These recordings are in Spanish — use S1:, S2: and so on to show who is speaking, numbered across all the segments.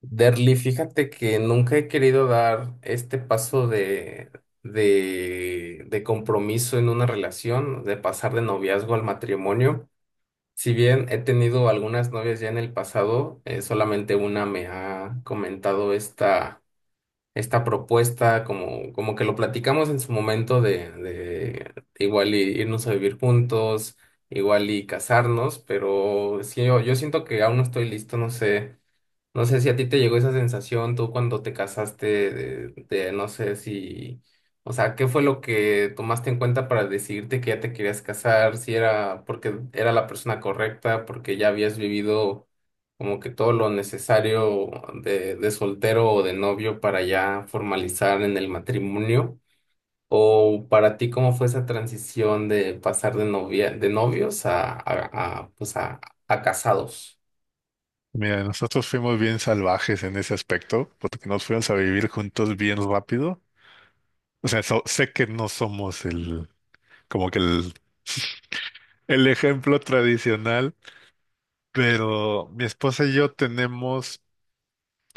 S1: Derly, fíjate que nunca he querido dar este paso de compromiso en una relación, de pasar de noviazgo al matrimonio. Si bien he tenido algunas novias ya en el pasado, solamente una me ha comentado esta propuesta, como que lo platicamos en su momento de igual y irnos a vivir juntos, igual y casarnos, pero sí, yo siento que aún no estoy listo, no sé. No sé si a ti te llegó esa sensación tú cuando te casaste, de no sé si, o sea, ¿qué fue lo que tomaste en cuenta para decidirte que ya te querías casar? Si era porque era la persona correcta, porque ya habías vivido como que todo lo necesario de soltero o de novio para ya formalizar en el matrimonio. ¿O para ti cómo fue esa transición de pasar de novia, de novios pues a casados?
S2: Mira, nosotros fuimos bien salvajes en ese aspecto, porque nos fuimos a vivir juntos bien rápido. O sea, sé que no somos el, como que el ejemplo tradicional, pero mi esposa y yo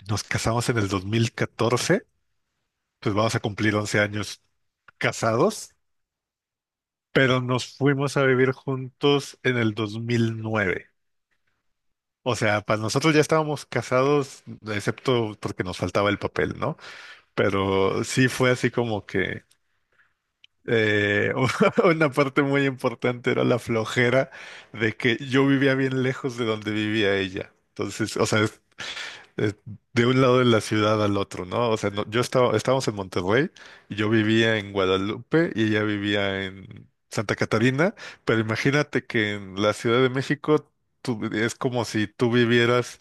S2: nos casamos en el 2014, pues vamos a cumplir 11 años casados, pero nos fuimos a vivir juntos en el 2009. O sea, para nosotros ya estábamos casados, excepto porque nos faltaba el papel, ¿no? Pero sí fue así como que Eh, una parte muy importante era la flojera de que yo vivía bien lejos de donde vivía ella. Entonces, o sea, es de un lado de la ciudad al otro, ¿no? O sea, yo estábamos en Monterrey y yo vivía en Guadalupe y ella vivía en Santa Catarina, pero imagínate que en la Ciudad de México es como si tú vivieras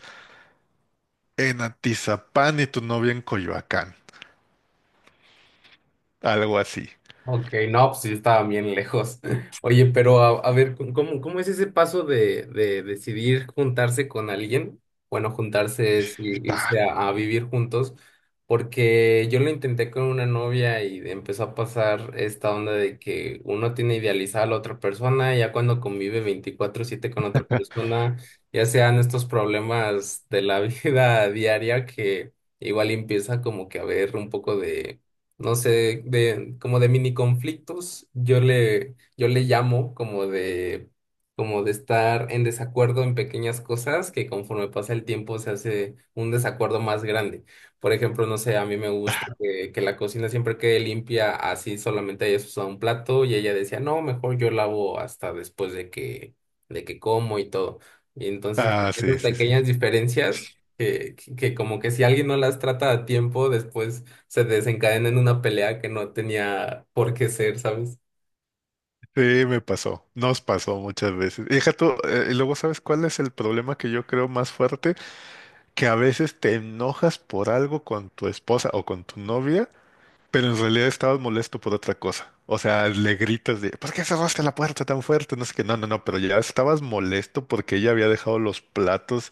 S2: en Atizapán y tu novia en Coyoacán, algo así.
S1: Ok, no, pues sí estaba bien lejos. Oye, pero a ver, ¿cómo es ese paso de decidir juntarse con alguien? Bueno, juntarse es i-
S2: Ah,
S1: irse a vivir juntos, porque yo lo intenté con una novia y empezó a pasar esta onda de que uno tiene idealizada a la otra persona, ya cuando convive 24/7 con otra persona, ya sean estos problemas de la vida diaria que igual empieza como que a haber un poco de no sé, de como de mini conflictos, yo le llamo como de estar en desacuerdo en pequeñas cosas que conforme pasa el tiempo se hace un desacuerdo más grande. Por ejemplo, no sé, a mí me gusta que la cocina siempre quede limpia, así solamente hayas usado un plato y ella decía, no, mejor yo lavo hasta después de que como y todo. Y entonces como que
S2: ah,
S1: esas
S2: sí, sí, sí.
S1: pequeñas diferencias que como que si alguien no las trata a tiempo, después se desencadena en una pelea que no tenía por qué ser, ¿sabes?
S2: Sí, me pasó, nos pasó muchas veces. Y deja tú, y luego sabes cuál es el problema que yo creo más fuerte, que a veces te enojas por algo con tu esposa o con tu novia, pero en realidad estabas molesto por otra cosa. O sea, le gritas de, ¿por qué cerraste la puerta tan fuerte? No sé qué, no, no, no, pero ya estabas molesto porque ella había dejado los platos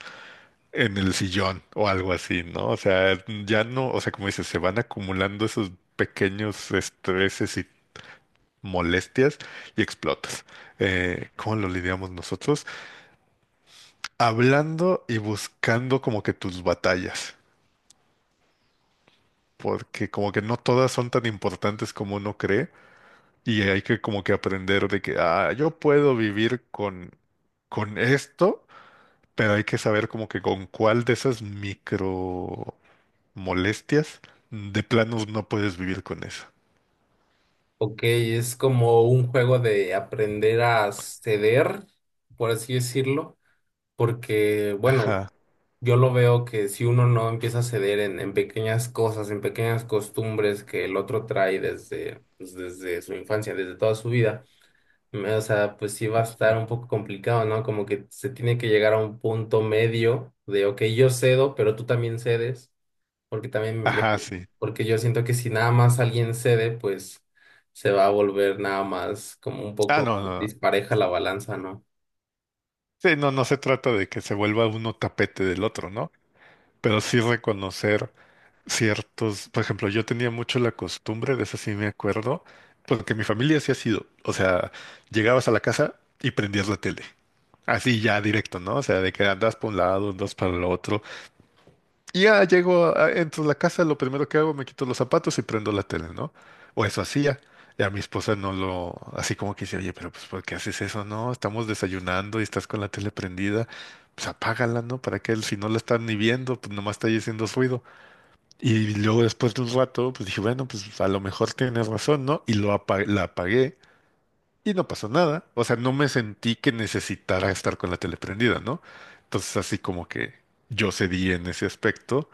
S2: en el sillón o algo así, ¿no? O sea, ya no, o sea, como dices, se van acumulando esos pequeños estreses, molestias, y explotas. ¿Cómo lo lidiamos nosotros? Hablando y buscando como que tus batallas, porque como que no todas son tan importantes como uno cree y hay que como que aprender de que, ah, yo puedo vivir con esto, pero hay que saber como que con cuál de esas micro molestias de planos no puedes vivir con eso.
S1: Ok, es como un juego de aprender a ceder, por así decirlo, porque, bueno,
S2: Ajá.
S1: yo lo veo que si uno no empieza a ceder en pequeñas cosas, en pequeñas costumbres que el otro trae desde, pues, desde su infancia, desde toda su vida, o sea, pues sí va a estar un poco complicado, ¿no? Como que se tiene que llegar a un punto medio de, ok, yo cedo, pero tú también cedes porque también
S2: Ajá, sí.
S1: porque yo siento que si nada más alguien cede, pues se va a volver nada más como un
S2: Ah,
S1: poco
S2: no, no, no.
S1: dispareja la balanza, ¿no?
S2: Sí, no, no se trata de que se vuelva uno tapete del otro, ¿no? Pero sí reconocer ciertos, por ejemplo, yo tenía mucho la costumbre, de eso sí me acuerdo, porque mi familia sí ha sido, o sea, llegabas a la casa y prendías la tele, así ya directo, ¿no? O sea, de que andas por un lado, andas para el otro, y ya llego, entro a la casa, lo primero que hago, me quito los zapatos y prendo la tele, ¿no? O eso hacía. Ya mi esposa no lo, así como que dice, oye, pero pues, ¿por qué haces eso? No, estamos desayunando y estás con la tele prendida, pues apágala, ¿no? Para que él, si no la están ni viendo, pues nomás está ahí haciendo ruido. Y luego después de un rato, pues dije, bueno, pues a lo mejor tienes razón, ¿no? Y la apagué y no pasó nada. O sea, no me sentí que necesitara estar con la tele prendida, ¿no? Entonces así como que yo cedí en ese aspecto,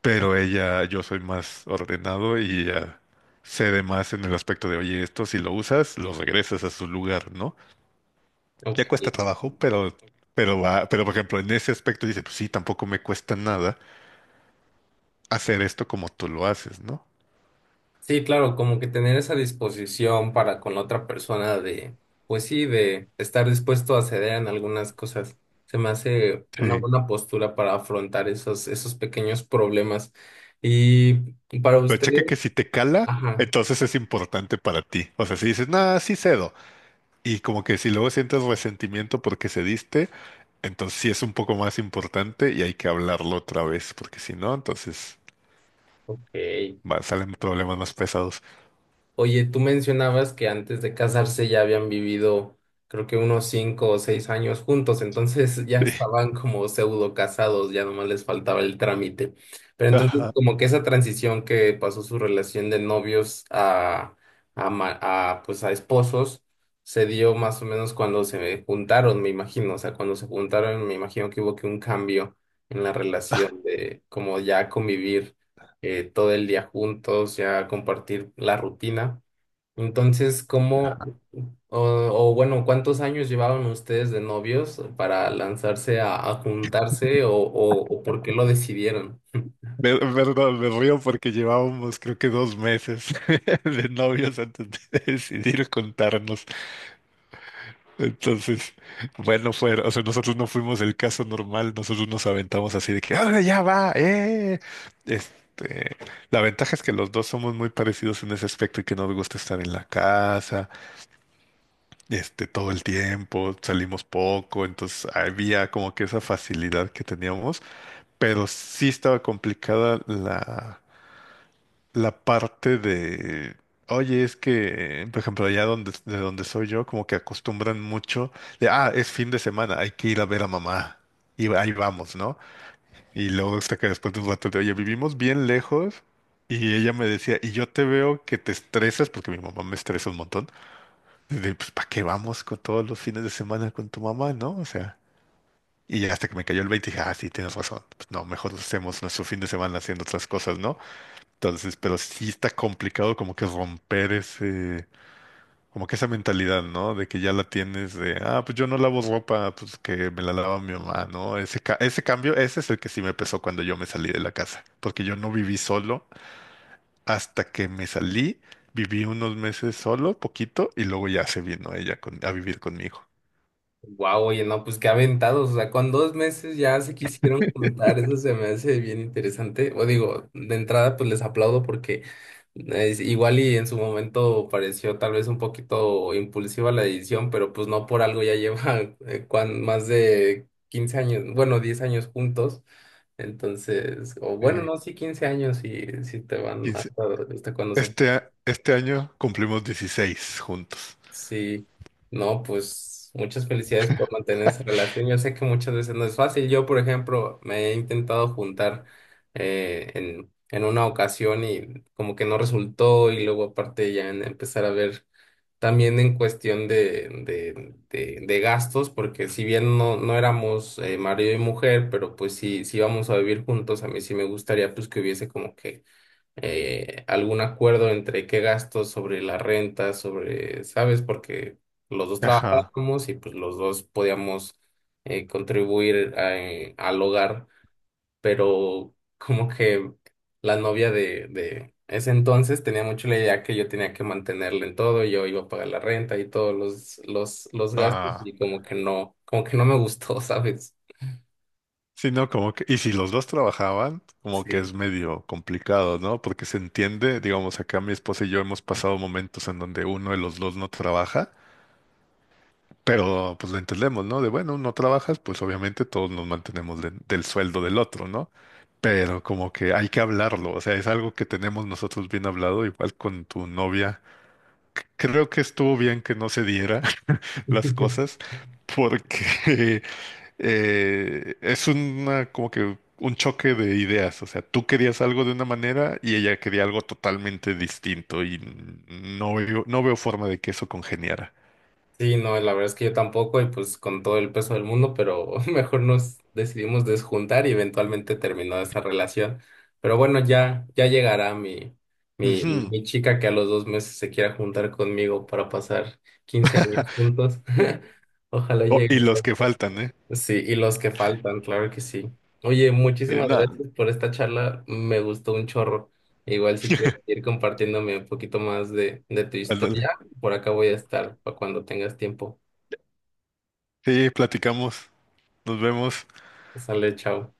S2: pero ella, yo soy más ordenado y ella cede más en el aspecto de, oye, esto si lo usas, lo regresas a su lugar, ¿no? Ya
S1: Ok.
S2: cuesta trabajo, pero va, pero por ejemplo, en ese aspecto dice, pues sí, tampoco me cuesta nada hacer esto como tú lo haces, ¿no?
S1: Sí, claro, como que tener esa disposición para con la otra persona de, pues sí, de estar dispuesto a ceder en algunas cosas. Se me hace una
S2: Sí.
S1: buena postura para afrontar esos pequeños problemas. Y para
S2: Pero checa que
S1: ustedes,
S2: si te cala,
S1: ajá,
S2: entonces es importante para ti. O sea, si dices, nada, sí cedo. Y como que si luego sientes resentimiento porque cediste, entonces sí es un poco más importante y hay que hablarlo otra vez, porque si no, entonces
S1: ok.
S2: salen problemas más pesados.
S1: Oye, tú mencionabas que antes de casarse ya habían vivido, creo que unos 5 o 6 años juntos, entonces ya
S2: Sí.
S1: estaban como pseudo casados, ya nomás les faltaba el trámite. Pero entonces,
S2: Ajá.
S1: como que esa transición que pasó su relación de novios pues a esposos se dio más o menos cuando se juntaron, me imagino. O sea, cuando se juntaron, me imagino que hubo que un cambio en la relación de como ya convivir todo el día juntos, ya compartir la rutina. Entonces, ¿O bueno, cuántos años llevaban ustedes de novios para lanzarse a juntarse o por qué lo decidieron?
S2: Perdón, me río porque llevábamos creo que dos meses de novios antes de decidir contarnos. Entonces, bueno, o sea, nosotros no fuimos el caso normal, nosotros nos aventamos así de que, ahora ya va, eh. Este, la ventaja es que los dos somos muy parecidos en ese aspecto y que nos gusta estar en la casa, este, todo el tiempo, salimos poco, entonces había como que esa facilidad que teníamos. Pero sí estaba complicada la parte de, oye, es que, por ejemplo, de donde soy yo, como que acostumbran mucho de, ah, es fin de semana, hay que ir a ver a mamá. Y ahí vamos, ¿no? Y luego hasta que después de un rato de, oye, vivimos bien lejos. Y ella me decía, y yo te veo que te estresas, porque mi mamá me estresa un montón. De, pues, ¿para qué vamos con todos los fines de semana con tu mamá, no? O sea. Y ya hasta que me cayó el 20 dije, ah, sí, tienes razón. Pues no, mejor hacemos nuestro fin de semana haciendo otras cosas, ¿no? Entonces, pero sí está complicado como que romper ese, como que esa mentalidad, ¿no? De que ya la tienes de, ah, pues yo no lavo ropa, pues que me la lava mi mamá, ¿no? Ese cambio, ese es el que sí me pesó cuando yo me salí de la casa, porque yo no viví solo hasta que me salí, viví unos meses solo, poquito, y luego ya se vino ella a vivir conmigo.
S1: Wow, oye, no, pues qué aventados, o sea, con 2 meses ya se quisieron juntar, eso se me hace bien interesante. O digo, de entrada, pues les aplaudo porque es igual y en su momento pareció tal vez un poquito impulsiva la decisión, pero pues no por algo ya lleva más de 15 años, bueno, 10 años juntos. Entonces, o bueno,
S2: Eh,
S1: no, sí, 15 años y si te van hasta cuando se...
S2: Este, este año cumplimos 16 juntos.
S1: Sí, no, pues muchas felicidades por mantener esa relación. Yo sé que muchas veces no es fácil. Yo, por ejemplo, me he intentado juntar en una ocasión y como que no resultó y luego aparte ya en empezar a ver también en cuestión de gastos, porque si bien no éramos marido y mujer, pero pues sí, íbamos a vivir juntos, a mí sí me gustaría pues que hubiese como que algún acuerdo entre qué gastos sobre la renta, sobre, ¿sabes? Porque los dos
S2: Ajá.
S1: trabajábamos y pues los dos podíamos contribuir al hogar, pero como que la novia de ese entonces tenía mucho la idea que yo tenía que mantenerle en todo, yo iba a pagar la renta y todos los gastos
S2: Ah,
S1: y como que no me gustó, ¿sabes?
S2: sí, no, como que, y si los dos trabajaban, como que
S1: Sí.
S2: es medio complicado, ¿no? Porque se entiende, digamos, acá mi esposa y yo hemos pasado momentos en donde uno de los dos no trabaja, pero pues lo entendemos, ¿no? De bueno, no trabajas, pues obviamente todos nos mantenemos del sueldo del otro, ¿no? Pero como que hay que hablarlo, o sea, es algo que tenemos nosotros bien hablado, igual con tu novia. Creo que estuvo bien que no se diera, las cosas porque es una como que un choque de ideas, o sea, tú querías algo de una manera y ella quería algo totalmente distinto y no veo, no veo forma de que eso congeniara.
S1: Sí, no, la verdad es que yo tampoco, y pues con todo el peso del mundo, pero mejor nos decidimos desjuntar y eventualmente terminó esa relación. Pero bueno, ya llegará mi, mi,
S2: Ujú.
S1: mi chica que a los 2 meses se quiera juntar conmigo para pasar 15 años juntos. Ojalá
S2: Oh, y
S1: llegue
S2: los que
S1: pronto.
S2: faltan, ¿eh?
S1: Sí, y los que faltan, claro que sí. Oye,
S2: Sí,
S1: muchísimas
S2: nada,
S1: gracias por esta charla, me gustó un chorro. Igual si quieres ir compartiéndome un poquito más de tu historia,
S2: ándale.
S1: por acá voy a estar para cuando tengas tiempo.
S2: Sí, platicamos, nos vemos.
S1: Sale, chao.